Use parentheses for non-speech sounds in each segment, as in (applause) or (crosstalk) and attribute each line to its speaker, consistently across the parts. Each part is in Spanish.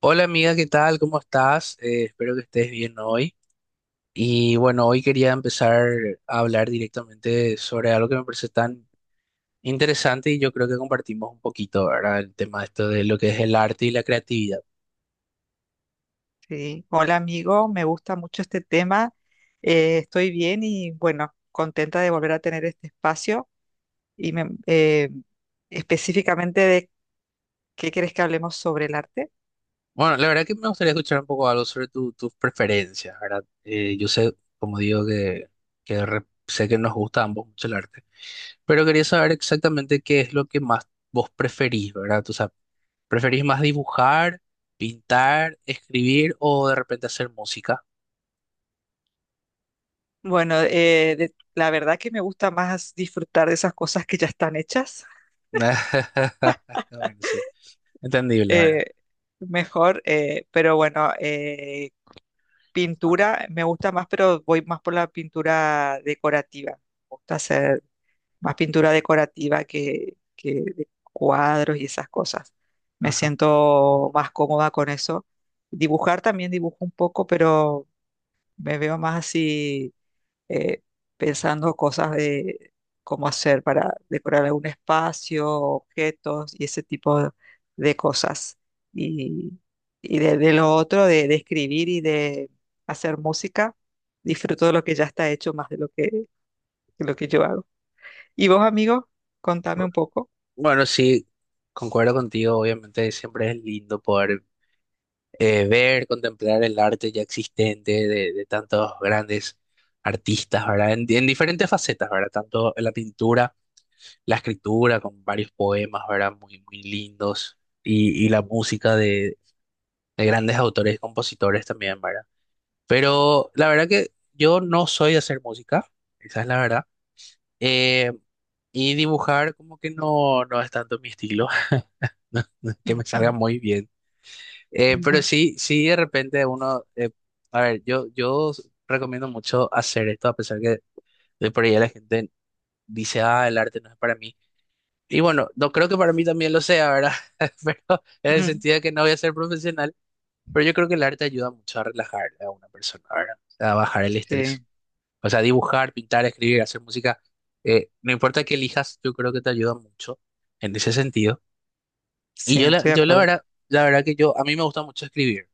Speaker 1: Hola amiga, ¿qué tal? ¿Cómo estás? Espero que estés bien hoy. Y bueno, hoy quería empezar a hablar directamente sobre algo que me parece tan interesante y yo creo que compartimos un poquito, ¿verdad? El tema esto de lo que es el arte y la creatividad.
Speaker 2: Sí, hola amigo, me gusta mucho este tema. Estoy bien y bueno, contenta de volver a tener este espacio y específicamente de qué quieres que hablemos sobre el arte.
Speaker 1: Bueno, la verdad que me gustaría escuchar un poco algo sobre tus preferencias, ¿verdad? Yo sé, como digo, que sé que nos gusta a ambos mucho el arte, pero quería saber exactamente qué es lo que más vos preferís, ¿verdad? ¿Preferís más dibujar, pintar, escribir o de repente hacer música?
Speaker 2: Bueno, la verdad que me gusta más disfrutar de esas cosas que ya están hechas,
Speaker 1: (laughs) Bueno, sí, entendible, ¿verdad?
Speaker 2: eh, mejor, pero bueno, pintura me gusta más, pero voy más por la pintura decorativa. Me gusta hacer más pintura decorativa que de cuadros y esas cosas. Me
Speaker 1: Ajá.
Speaker 2: siento más cómoda con eso. Dibujar también dibujo un poco, pero me veo más así eh, pensando cosas de cómo hacer para decorar algún espacio, objetos y ese tipo de cosas. Y, y de lo otro, de escribir y de hacer música, disfruto de lo que ya está hecho más de lo de lo que yo hago. ¿Y vos, amigo? Contame
Speaker 1: Bu-
Speaker 2: un poco.
Speaker 1: Bueno, sí, concuerdo contigo, obviamente siempre es lindo poder ver, contemplar el arte ya existente de tantos grandes artistas, ¿verdad? En diferentes facetas, ¿verdad? Tanto en la pintura, la escritura, con varios poemas, ¿verdad? Muy, muy lindos, y la música de grandes autores y compositores también, ¿verdad? Pero la verdad que yo no soy de hacer música, esa es la verdad. Eh, y dibujar como que no, no es tanto mi estilo, (laughs) no es que
Speaker 2: Ujú,
Speaker 1: me salga
Speaker 2: ujú,
Speaker 1: muy bien. Pero
Speaker 2: ujú,
Speaker 1: sí, sí de repente uno, a ver, yo recomiendo mucho hacer esto, a pesar que de por ahí la gente dice, ah, el arte no es para mí. Y bueno, no creo que para mí también lo sea, ¿verdad? (laughs) Pero en el
Speaker 2: ujú.
Speaker 1: sentido de que no voy a ser profesional, pero yo creo que el arte ayuda mucho a relajar a una persona, ¿verdad? A bajar el estrés.
Speaker 2: Sí,
Speaker 1: O sea, dibujar, pintar, escribir, hacer música, no importa qué elijas, yo creo que te ayuda mucho en ese sentido. Y
Speaker 2: sí, estoy de
Speaker 1: yo
Speaker 2: acuerdo.
Speaker 1: la verdad que yo, a mí me gusta mucho escribir.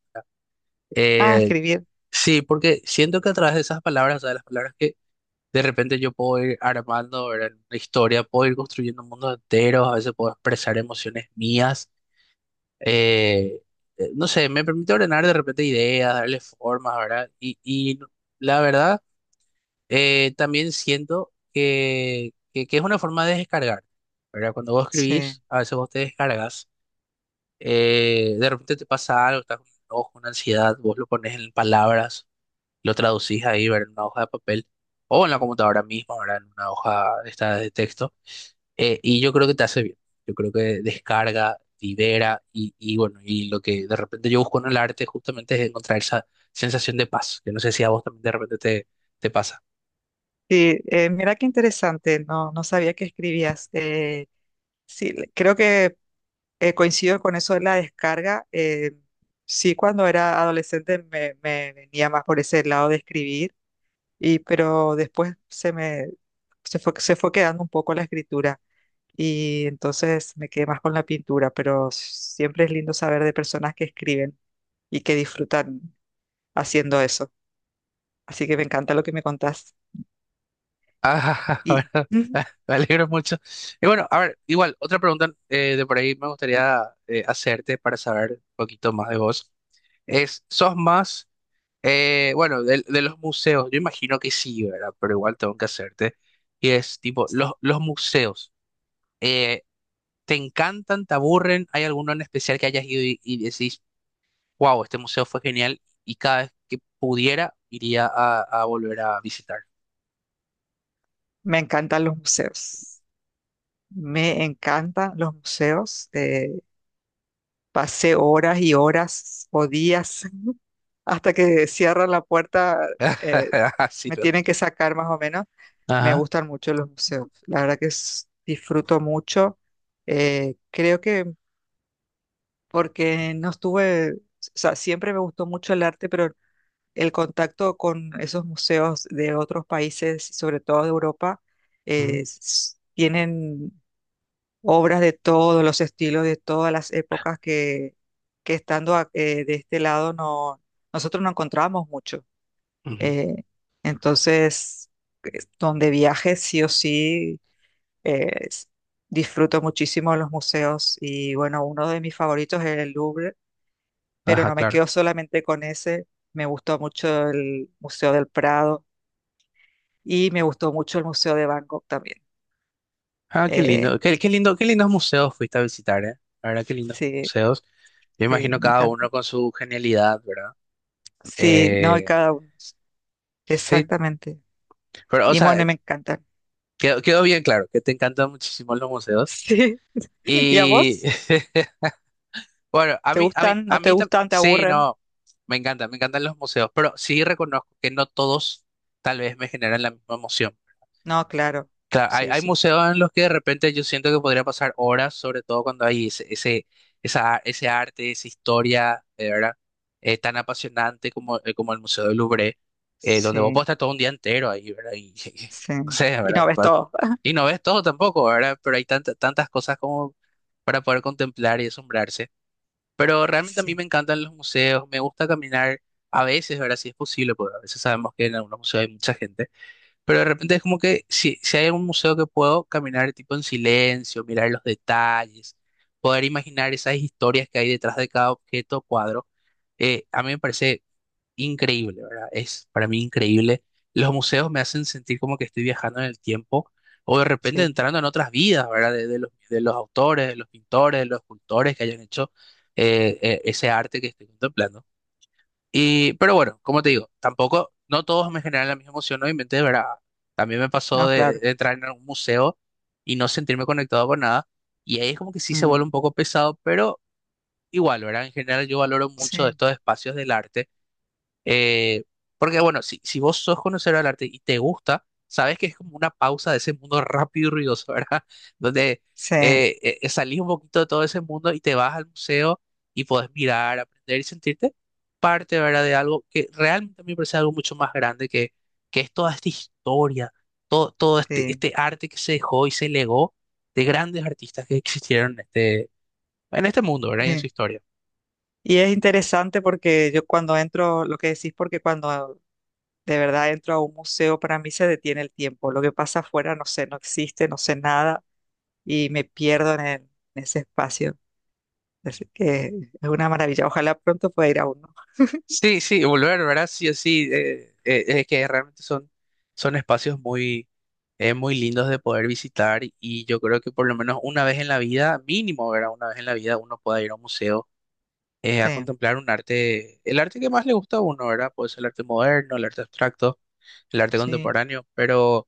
Speaker 2: Ah,
Speaker 1: Eh,
Speaker 2: escribir.
Speaker 1: sí, porque siento que a través de esas palabras, o sea, de las palabras que de repente yo puedo ir armando, ¿verdad? Una historia, puedo ir construyendo mundos enteros, a veces puedo expresar emociones mías. eh, no sé, me permite ordenar de repente ideas, darle formas, ¿verdad? Y la verdad... También siento que es una forma de descargar, ¿verdad? Cuando vos
Speaker 2: Sí.
Speaker 1: escribís, a veces vos te descargas, de repente te pasa algo, estás con un enojo, una ansiedad, vos lo pones en palabras, lo traducís ahí, ¿verdad? En una hoja de papel o en la computadora misma, ¿verdad? En una hoja esta de texto. Y yo creo que te hace bien, yo creo que descarga, libera y bueno, y lo que de repente yo busco en el arte justamente es encontrar esa sensación de paz, que no sé si a vos también te pasa.
Speaker 2: Sí, mira qué interesante. No, no sabía que escribías. Sí, creo que coincido con eso de la descarga. Sí, cuando era adolescente me venía más por ese lado de escribir. Y pero después se fue quedando un poco la escritura y entonces me quedé más con la pintura, pero siempre es lindo saber de personas que escriben y que disfrutan haciendo eso. Así que me encanta lo que me contás
Speaker 1: Ah, (laughs)
Speaker 2: y
Speaker 1: bueno,
Speaker 2: ujú,
Speaker 1: me alegro mucho. Y bueno, a ver, igual, otra pregunta de por ahí me gustaría hacerte para saber un poquito más de vos. Es, ¿sos más, bueno, de los museos? Yo imagino que sí, ¿verdad? Pero igual tengo que hacerte. Y es tipo, los museos, eh, ¿te encantan, te aburren? ¿Hay alguno en especial que hayas ido y decís, wow, este museo fue genial y cada vez que pudiera iría a volver a visitar?
Speaker 2: me encantan los museos. Me encantan los museos. Pasé horas y horas o días (laughs) hasta que cierran la puerta. eh,
Speaker 1: (laughs) Así
Speaker 2: Me
Speaker 1: lo.
Speaker 2: tienen que sacar más o menos. Me
Speaker 1: Ajá.
Speaker 2: gustan mucho los museos. La verdad que disfruto mucho. Creo que porque no estuve, o sea, siempre me gustó mucho el arte, pero el contacto con esos museos de otros países, sobre todo de Europa,
Speaker 1: Ujú,
Speaker 2: tienen obras de todos los estilos, de todas las épocas que de este lado no, nosotros no encontramos mucho.
Speaker 1: ujú.
Speaker 2: Eh, entonces, donde viaje, sí o sí, eh, s- disfruto muchísimo los museos y bueno, uno de mis favoritos es el Louvre, pero
Speaker 1: Ajá,
Speaker 2: no me
Speaker 1: claro.
Speaker 2: quedo solamente con ese. Me gustó mucho el Museo del Prado y me gustó mucho el Museo de Bangkok también.
Speaker 1: Ah, qué
Speaker 2: Eh,
Speaker 1: lindo. Qué, qué lindo, qué lindos museos fuiste a visitar, ¿eh? La verdad, qué lindos
Speaker 2: sí,
Speaker 1: museos. Yo
Speaker 2: sí,
Speaker 1: imagino
Speaker 2: me
Speaker 1: cada
Speaker 2: encanta.
Speaker 1: uno con su genialidad, ¿verdad?
Speaker 2: Sí, no, y
Speaker 1: Eh,
Speaker 2: cada uno.
Speaker 1: sí,
Speaker 2: Exactamente.
Speaker 1: pero, o
Speaker 2: Y
Speaker 1: sea,
Speaker 2: bueno, me encantan.
Speaker 1: quedó bien claro que te encantan muchísimo los
Speaker 2: (laughs)
Speaker 1: museos.
Speaker 2: Sí. ¿Y a
Speaker 1: Y,
Speaker 2: vos?
Speaker 1: (laughs) bueno,
Speaker 2: ¿Te gustan?
Speaker 1: a
Speaker 2: ¿No te
Speaker 1: mí también,
Speaker 2: gustan? ¿Te
Speaker 1: sí,
Speaker 2: aburren?
Speaker 1: no, me encantan los museos, pero sí reconozco que no todos tal vez me generan la misma emoción.
Speaker 2: No, claro.
Speaker 1: Claro,
Speaker 2: Sí,
Speaker 1: hay
Speaker 2: sí.
Speaker 1: museos en los que de repente yo siento que podría pasar horas, sobre todo cuando hay ese arte, esa historia, ¿verdad? Tan apasionante como el Museo del Louvre, donde vos podés
Speaker 2: Sí,
Speaker 1: estar todo un día entero ahí, ¿verdad? Y, (laughs)
Speaker 2: sí.
Speaker 1: no sé,
Speaker 2: Y
Speaker 1: ¿verdad?
Speaker 2: no ves todo. (laughs)
Speaker 1: Y no ves todo tampoco, ¿verdad? Pero hay tantas cosas como para poder contemplar y asombrarse. Pero realmente a mí
Speaker 2: Sí,
Speaker 1: me encantan los museos, me gusta caminar a veces, ¿verdad? Si es posible, porque a veces sabemos que en algunos museos hay mucha gente. Pero de repente es como que si hay un museo que puedo caminar tipo en silencio, mirar los detalles, poder imaginar esas historias que hay detrás de cada objeto o cuadro, a mí me parece increíble, ¿verdad? Es para mí increíble. Los museos me hacen sentir como que estoy viajando en el tiempo o de repente
Speaker 2: sí.
Speaker 1: entrando en otras vidas, ¿verdad? De los autores, de los pintores, de los escultores que hayan hecho ese arte que estoy contemplando. Y, pero bueno, como te digo, tampoco, no todos me generan la misma emoción, obviamente, de verdad. También me pasó
Speaker 2: No, claro.
Speaker 1: de entrar en algún museo y no sentirme conectado con nada. Y ahí es como que sí se vuelve
Speaker 2: Mm,
Speaker 1: un poco pesado, pero igual, ¿verdad? En general yo valoro mucho
Speaker 2: sí,
Speaker 1: estos espacios del arte eh, porque bueno, si vos sos conocedor del arte y te gusta, sabes que es como una pausa de ese mundo rápido y ruidoso, (laughs) ¿verdad? Donde
Speaker 2: sí,
Speaker 1: salís un poquito de todo ese mundo y te vas al museo y podés mirar, aprender y sentirte parte, ¿verdad? De algo que realmente a mí me parece algo mucho más grande que es toda esta historia, todo, todo
Speaker 2: sí,
Speaker 1: este arte que se dejó y se legó de grandes artistas que existieron en este mundo, ¿verdad? Y en su
Speaker 2: sí.
Speaker 1: historia.
Speaker 2: Y es interesante porque yo cuando entro, lo que decís, porque cuando de verdad entro a un museo, para mí se detiene el tiempo. Lo que pasa afuera, no sé, no existe, no sé nada y me pierdo en, en ese espacio. Así que es una maravilla. Ojalá pronto pueda ir a uno.
Speaker 1: Sí, sí, volver, ¿verdad? Sí, sí, es que realmente son, son espacios muy, muy lindos de poder visitar y yo creo que por lo menos una vez en la vida, mínimo, ¿verdad? Una vez en la vida uno pueda ir a un museo a
Speaker 2: Sí,
Speaker 1: contemplar un arte, el arte que más le gusta a uno, ¿verdad? Puede ser el arte moderno, el arte abstracto, el arte
Speaker 2: sí.
Speaker 1: contemporáneo, pero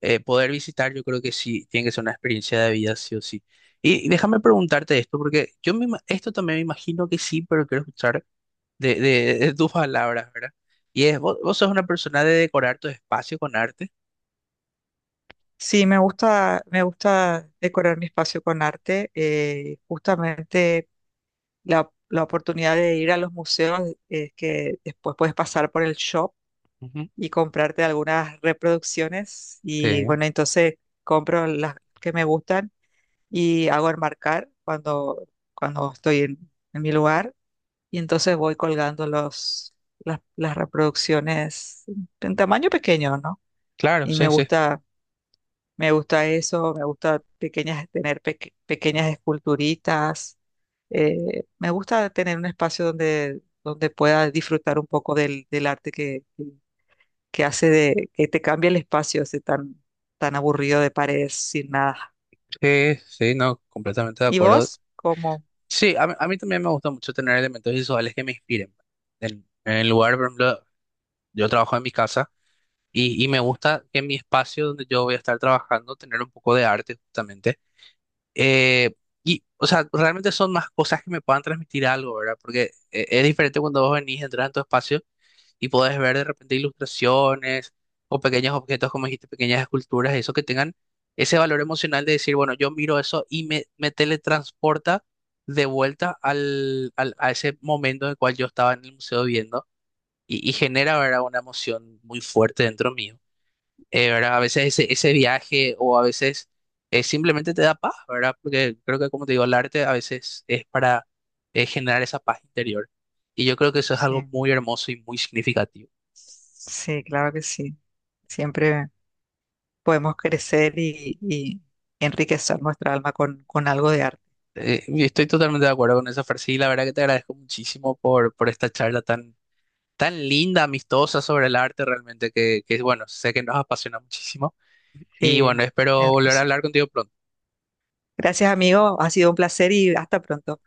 Speaker 1: poder visitar yo creo que sí, tiene que ser una experiencia de vida, sí o sí. Y déjame preguntarte esto, porque esto también me imagino que sí, pero quiero escuchar de tus palabras, ¿verdad? Y es, vos sos una persona de decorar tu espacio con arte.
Speaker 2: Sí, me gusta decorar mi espacio con arte. Justamente la oportunidad de ir a los museos es que después puedes pasar por el shop
Speaker 1: Ujú.
Speaker 2: y comprarte algunas reproducciones
Speaker 1: Sí,
Speaker 2: y bueno, entonces compro las que me gustan y hago enmarcar cuando estoy en mi lugar y entonces voy colgando las reproducciones en tamaño pequeño, ¿no?
Speaker 1: claro,
Speaker 2: Y me gusta eso, me gusta pequeñas, tener pequeñas esculturitas. Me gusta tener un espacio donde, donde pueda disfrutar un poco del arte que hace que te cambia el espacio ese tan, tan aburrido de paredes sin nada.
Speaker 1: sí, no, completamente de
Speaker 2: ¿Y
Speaker 1: acuerdo.
Speaker 2: vos? ¿Cómo?
Speaker 1: Sí, a mí también me gusta mucho tener elementos visuales que me inspiren. Pues, en el lugar, por ejemplo, yo trabajo en mi casa y me gusta que en mi espacio donde yo voy a estar trabajando tener un poco de arte justamente. Eh, y, o sea, realmente son más cosas que me puedan transmitir algo, ¿verdad? Porque es diferente cuando vos venís, entras en tu espacio. Y podés ver de repente ilustraciones o pequeños objetos, como dijiste, pequeñas esculturas, eso que tengan ese valor emocional de decir, bueno, yo miro eso y me teletransporta de vuelta a ese momento en el cual yo estaba en el museo viendo y genera, ¿verdad? Una emoción muy fuerte dentro mío. ¿Verdad? A veces ese viaje o a veces simplemente te da paz, ¿verdad? Porque creo que, como te digo, el arte a veces es para generar esa paz interior. Y yo creo que eso es algo
Speaker 2: Sí,
Speaker 1: muy hermoso y muy significativo.
Speaker 2: sí, claro que sí. Siempre podemos crecer y enriquecer nuestra alma con algo de arte.
Speaker 1: Y estoy totalmente de acuerdo con esa frase y la verdad que te agradezco muchísimo por esta charla tan, tan linda, amistosa sobre el arte realmente, que bueno, sé que nos apasiona muchísimo y bueno,
Speaker 2: Sí,
Speaker 1: espero volver a
Speaker 2: hermoso.
Speaker 1: hablar contigo pronto.
Speaker 2: Gracias, amigo. Ha sido un placer y hasta pronto.